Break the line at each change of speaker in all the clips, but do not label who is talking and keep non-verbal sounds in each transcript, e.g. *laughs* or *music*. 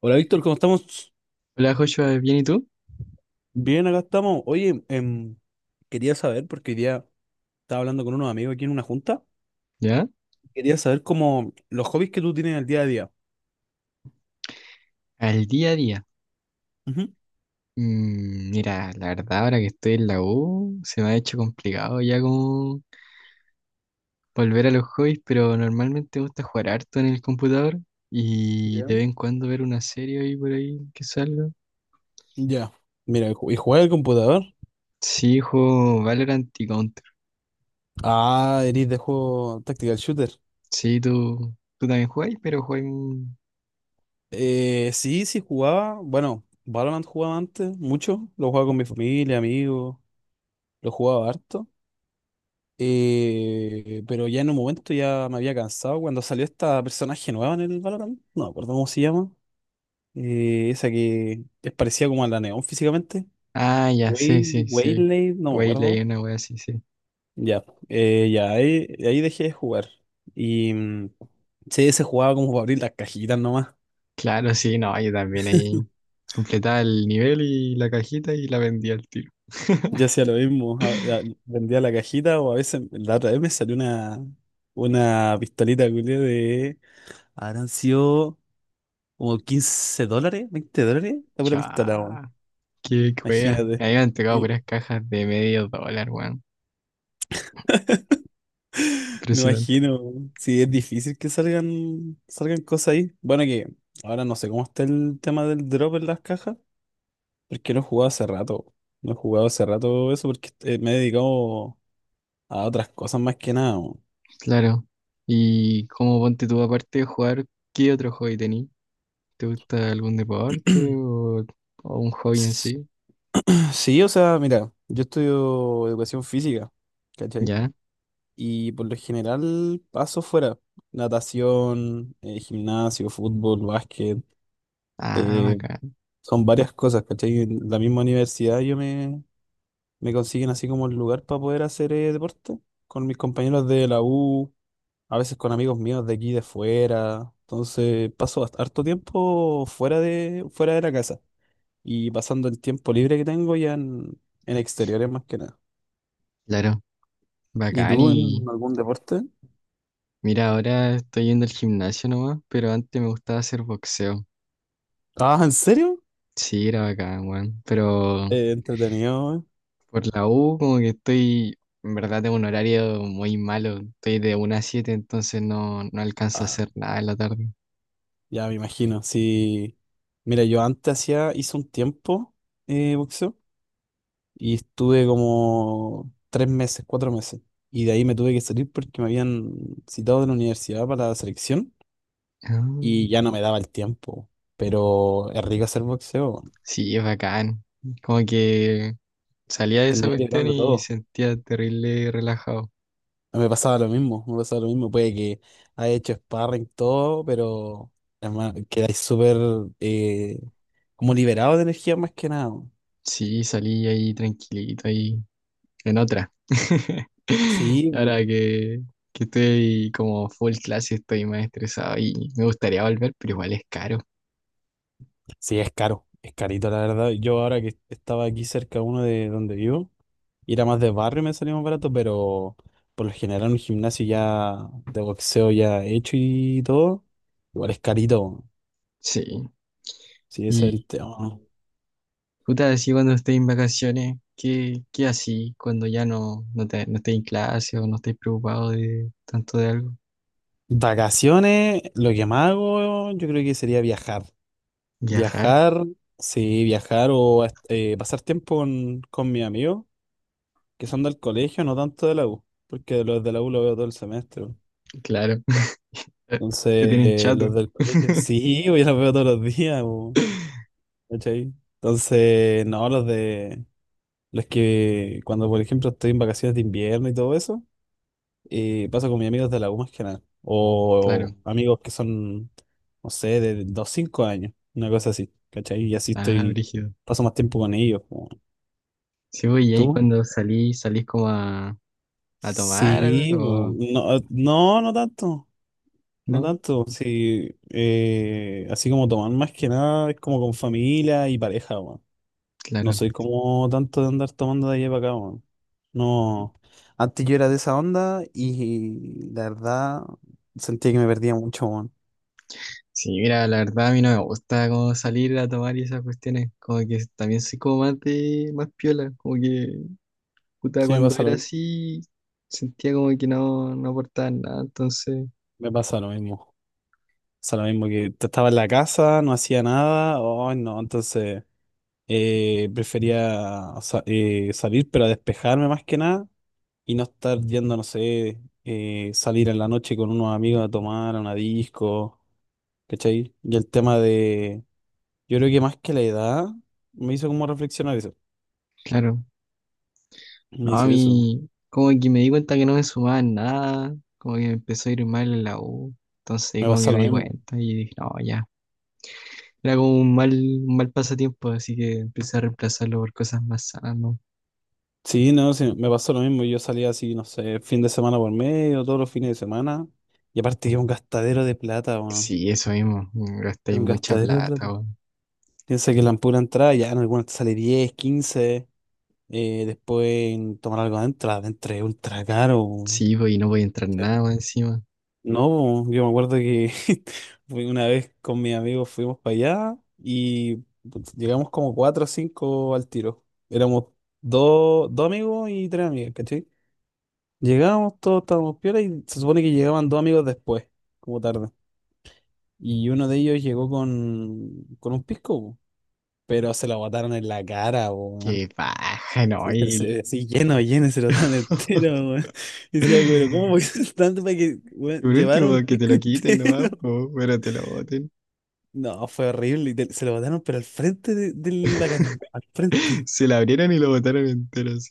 Hola Víctor, ¿cómo estamos?
Hola Joshua, ¿bien y tú?
Bien, acá estamos. Oye, quería saber, porque hoy día estaba hablando con unos amigos aquí en una junta,
¿Ya?
quería saber cómo los hobbies que tú tienes en el día a día.
Al día a día.
Ujú.
Mira, la verdad ahora que estoy en la U se me ha hecho complicado ya como volver a los hobbies, pero normalmente me gusta jugar harto en el computador y
Ya.
de vez en cuando ver una serie ahí por ahí que salga.
Ya. Mira, ¿y jugar al computador?
Sí, juego Valorant y Counter.
Ah, eres de juego Tactical Shooter.
Sí, tú también jugáis, pero jugáis... un-
Sí, sí jugaba. Bueno, Valorant jugaba antes, mucho. Lo jugaba con mi familia, amigos, lo jugaba harto. Pero ya en un momento ya me había cansado cuando salió esta personaje nueva en el Valorant. No me acuerdo cómo se llama. Esa que es parecida como a la Neón físicamente.
Ah, ya, sí, sí, sí.
Waylay, no me
Güey, leí
acuerdo.
una wea así, sí.
Ya, ya, ahí dejé de jugar. Y sí, se jugaba como para abrir las cajitas nomás.
Claro, sí, no, yo también ahí
*laughs*
completaba el nivel y la cajita y la vendía al tiro.
Yo
*laughs*
hacía lo mismo, vendía la cajita o a veces la otra vez me salió una pistolita culiá de... Habrán sido como $15, $20, la pura pistola, weón.
Chá, qué wea.
Imagínate.
Ahí me han tocado puras cajas de medio dólar, weón.
Me
Impresionante.
imagino, weón. Sí, es difícil que salgan cosas ahí. Bueno, que ahora no sé cómo está el tema del drop en las cajas, porque no he jugado hace rato. No he jugado hace rato eso porque me he dedicado a otras cosas más que nada, weón.
Claro. ¿Y cómo ponte tú aparte de jugar? ¿Qué otro hobby tení? ¿Te gusta algún deporte
*clears throat*
o un hobby en
S-
sí?
Sí, o sea, mira, yo estudio educación física, ¿cachai?
¿Ya?
Y por lo general paso fuera. Natación, gimnasio, fútbol, básquet,
Ah,
eh,
bacán.
son varias cosas, ¿cachai? En la misma universidad yo me consiguen así como el lugar para poder hacer deporte con mis compañeros de la U, a veces con amigos míos de aquí de fuera. Entonces paso harto tiempo fuera de la casa y pasando el tiempo libre que tengo ya en exteriores más que nada.
Claro,
¿Y
bacán.
tú
Y
en algún deporte?
mira, ahora estoy yendo al gimnasio nomás, pero antes me gustaba hacer boxeo.
Ah, ¿en serio?
Sí, era bacán, weón. Pero
Entretenido.
por la U, como que estoy, en verdad, tengo un horario muy malo. Estoy de una a siete, entonces no alcanzo a
Ah,
hacer nada en la tarde.
ya me imagino. Sí. Mira, yo antes hacía, hice un tiempo boxeo. Y estuve como 3 meses, 4 meses. Y de ahí me tuve que salir porque me habían citado de la universidad para la selección
Ah,
y ya no me daba el tiempo. Pero es rico hacer boxeo.
sí, es bacán. Como que salía de esa
Terminé
cuestión
liberando
y
todo.
sentía terrible relajado.
No, me pasaba lo mismo, me pasaba lo mismo. Puede que haya hecho sparring todo, pero además quedáis súper eh, como liberado de energía más que nada.
Sí, salí ahí tranquilito, ahí en otra. *laughs*
Sí,
Ahora que estoy como full clase, estoy más estresado y me gustaría volver, pero igual es caro.
sí, es caro, es carito la verdad. Yo ahora que estaba aquí cerca uno de donde vivo, ir a más de barrio me salía más barato, pero por lo general un gimnasio ya de boxeo ya hecho y todo, igual es carito, weón.
Sí.
Sí, ese
Y
es el tema.
puta, así cuando estés en vacaciones, ¿qué, qué así cuando ya te, no estés en clase o no estés preocupado de tanto de algo?
Vacaciones, lo que más hago yo creo que sería viajar.
¿Viajar?
Viajar, sí, viajar o pasar tiempo con mis amigos que son del colegio, no tanto de la U, porque los de la U los veo todo el semestre, weón.
Claro. *laughs* Te tienen
Entonces,
chato.
los del colegio, sí, *laughs* yo los veo todos los días, weón. ¿Cachai? Entonces, no, es que cuando, por ejemplo, estoy en vacaciones de invierno y todo eso, paso con mis amigos de la U más que nada. O
Claro.
amigos que son, no sé, de 2, 5 años, una cosa así, ¿cachai? Y así
Ah,
estoy,
brígido.
paso más tiempo con ellos, po.
Sí, voy, y ahí
¿Tú?
cuando salís, salís como a tomar
Sí, po.
o
No, no, no tanto, no
no,
tanto. Sí, así como tomar más que nada es como con familia y pareja, po. No
claro.
soy como tanto de andar tomando de allá para acá, po. No, antes yo era de esa onda y la verdad sentía que me perdía mucho, weón.
Sí, mira, la verdad a mí no me gusta como salir a tomar y esas cuestiones, como que también soy como más más piola, como que, puta,
Sí,
cuando era así, sentía como que no aportaba nada, entonces
me pasa lo mismo. Pasa lo mismo que estaba en la casa, no hacía nada, ay no, entonces prefería salir, pero a despejarme más que nada y no estar yendo, no sé, salir en la noche con unos amigos a tomar, a una disco, ¿cachai? Y el tema de, yo creo que más que la edad, me hizo como reflexionar eso,
claro, no,
me
a
hizo eso,
mí como que me di cuenta que no me sumaba en nada, como que me empezó a ir mal en la U, entonces
me
como que
pasa lo
me di
mismo.
cuenta y dije, no, ya, era como un mal pasatiempo, así que empecé a reemplazarlo por cosas más sanas, ¿no?
Sí, no, sí, me pasó lo mismo. Yo salía así, no sé, fin de semana por medio, todos los fines de semana. Y aparte que es un gastadero de plata, weón.
Sí, eso mismo, gastáis
Es un
mucha
gastadero de plata.
plata, weón.
Piensa que la pura entrada ya en algunas te sale 10 15 después en tomar algo adentro, adentro es ultra caro, weón.
Sí, pues, y no voy a entrar
Sí.
nada más encima,
No, weón, yo me acuerdo que *laughs* fui una vez con mis amigos fuimos para allá y putz, llegamos como cuatro o cinco al tiro. Éramos dos amigos y tres amigas. Llegamos, todos estábamos piola y se supone que llegaban dos amigos después, como tarde. Y uno de ellos llegó con un pisco, po, pero se lo botaron en la cara, po, weón.
qué baja, no,
Sí, pero
y...
así lleno, lleno, se lo botaron *laughs* entero,
*laughs*
weón. Y decía, pero ¿cómo voy *laughs* tanto para que
que por
weón, llevar
último
un
que te
pisco
lo quiten nomás,
entero?
pues,
*laughs*
pero te lo boten.
No, fue horrible. Y se lo botaron, pero al frente de la cara, no, al
*laughs*
frente.
Se la abrieron y lo botaron entero así.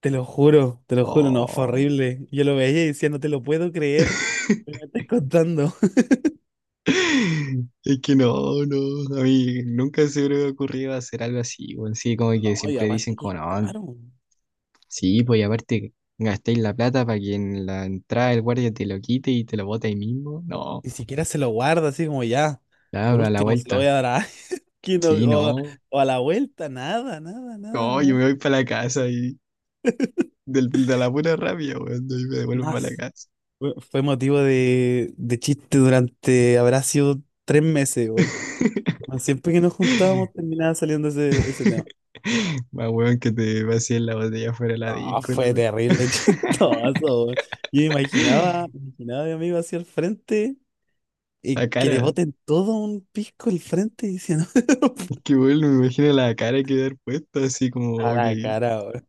Te lo juro, no, fue
Oh.
horrible. Yo lo veía y decía, no te lo puedo creer. Me
*laughs*
lo estás contando. *laughs*
Es que no, a mí nunca se me hubiera ocurrido hacer algo así, bueno, sí, como que
No, y
siempre dicen
aparte que
como,
es
no,
caro.
sí, pues y aparte gastéis la plata para que en la entrada el guardia te lo quite y te lo bote ahí mismo, no,
Ni siquiera se lo guarda así como ya.
ya,
Por
a la
último, se lo voy
vuelta,
a dar a alguien *laughs*
sí, no,
o a la vuelta. Nada, nada,
no,
nada,
yo
weón.
me voy para la casa y del- de la pura rabia, weón, y me devuelvo
Nada.
para la casa.
Fue motivo de chiste durante, habrá sido 3 meses, weón. Bueno, siempre que nos
*laughs*
juntábamos terminaba saliendo ese tema.
Más weón que te vacíen la botella fuera de la
No,
disco, la
fue
weón.
terrible, *laughs*
*laughs*
chistoso, weón. Yo imaginaba a mi amigo hacia el frente y
La
que le
cara,
boten todo un pisco al frente y diciendo
es
*laughs*
que bueno, me imagino la cara que dar puesta, así como,
a
ok.
la cara, weón.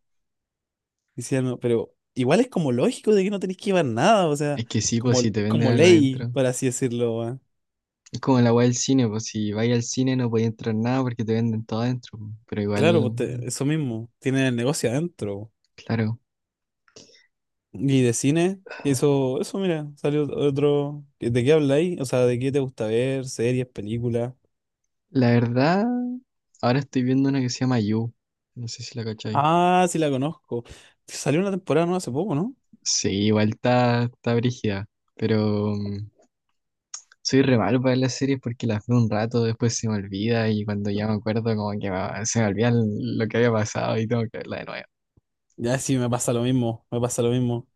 Hicieron, pero igual es como lógico de que no tenéis que llevar nada, o sea,
Es que sí, pues
como,
si te
es
venden
como
algo
ley,
adentro.
por así decirlo, weón.
Es como la weá del cine, pues si vais al cine no podéis entrar nada porque te venden todo adentro, po. Pero
Claro,
igual,
pues eso mismo, tiene el negocio adentro.
claro.
Y de cine, eso, mira, salió otro. ¿De qué habláis? O sea, ¿de qué te gusta ver? ¿Series, películas?
La verdad, ahora estoy viendo una que se llama You. No sé si la cacháis.
Ah, sí la conozco. Salió una temporada nueva hace poco, ¿no?
Sí, igual está, está brígida. Pero soy re malo para ver las series porque las veo un rato, después se me olvida y cuando ya me acuerdo como que va- se me olvida lo que había pasado y tengo que verla de nuevo.
Ya sí, me pasa lo mismo, me pasa lo mismo.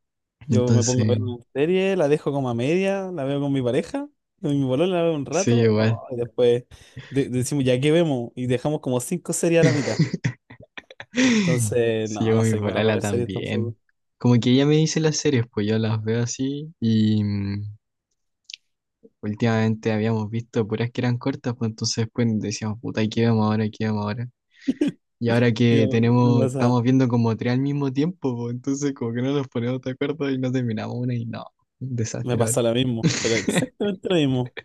Yo me pongo a ver
Entonces,
una serie, la dejo como a media, la veo con mi pareja, con mi bolón la veo un
sí,
rato,
igual.
oh, y después decimos, ya qué vemos, y dejamos como cinco series a la mitad.
*laughs*
Entonces,
Sí,
no,
llevo
no
mi
soy bueno para
polala
ver series
también.
tampoco.
Como que ella me dice las series, pues yo las veo así y últimamente habíamos visto puras que eran cortas, pues entonces después decíamos, puta, ¿y qué vemos ahora? ¿Qué vemos ahora?
*laughs*
Y ahora que
Me
tenemos,
pasa,
estamos viendo como 3 al mismo tiempo, pues entonces como que no nos ponemos de acuerdo y no terminamos una y no, un
me
desastre ahora.
pasa lo mismo, pero
*laughs*
exactamente lo mismo.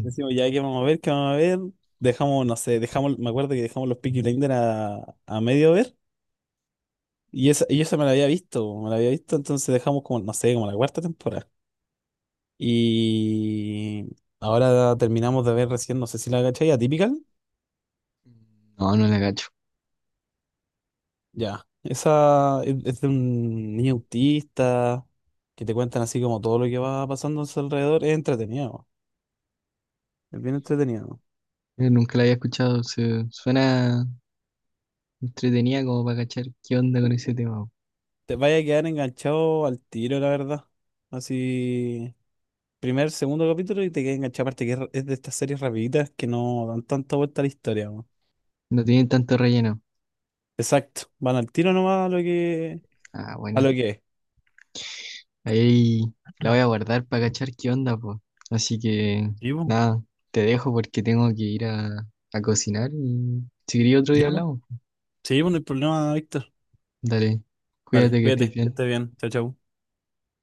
Decimos, ya qué vamos a ver, qué vamos a ver, dejamos, no sé, dejamos, me acuerdo que dejamos los Peaky Blinders a medio ver, y esa me la había visto, me la había visto, entonces dejamos como, no sé, como la cuarta temporada. Y ahora terminamos de ver recién, no sé si la cachai, Atypical.
No, no la cacho.
Ya. Esa es de un niño autista que te cuentan así como todo lo que va pasando a su alrededor. Es entretenido. Es bien entretenido.
Nunca la había escuchado, se- suena, entretenía como para cachar qué onda con ese tema, po.
Te vaya a quedar enganchado al tiro, la verdad. Así, primer, segundo capítulo y te quedas enganchado. Aparte que es de estas series rapiditas que no dan tanta vuelta a la historia, weón.
No tienen tanto relleno.
Exacto. Van al tiro nomás
Ah,
a
bueno.
lo que es.
Ahí la voy a guardar para cachar qué onda, pues. Así que
Sí, bueno.
nada, te dejo porque tengo que ir a cocinar y si quería otro día
Ya, pues.
hablamos.
Sí, pues no hay problema, Víctor.
Dale,
Dale,
cuídate que estés
cuídate, que
bien.
estés bien. Chao, chao.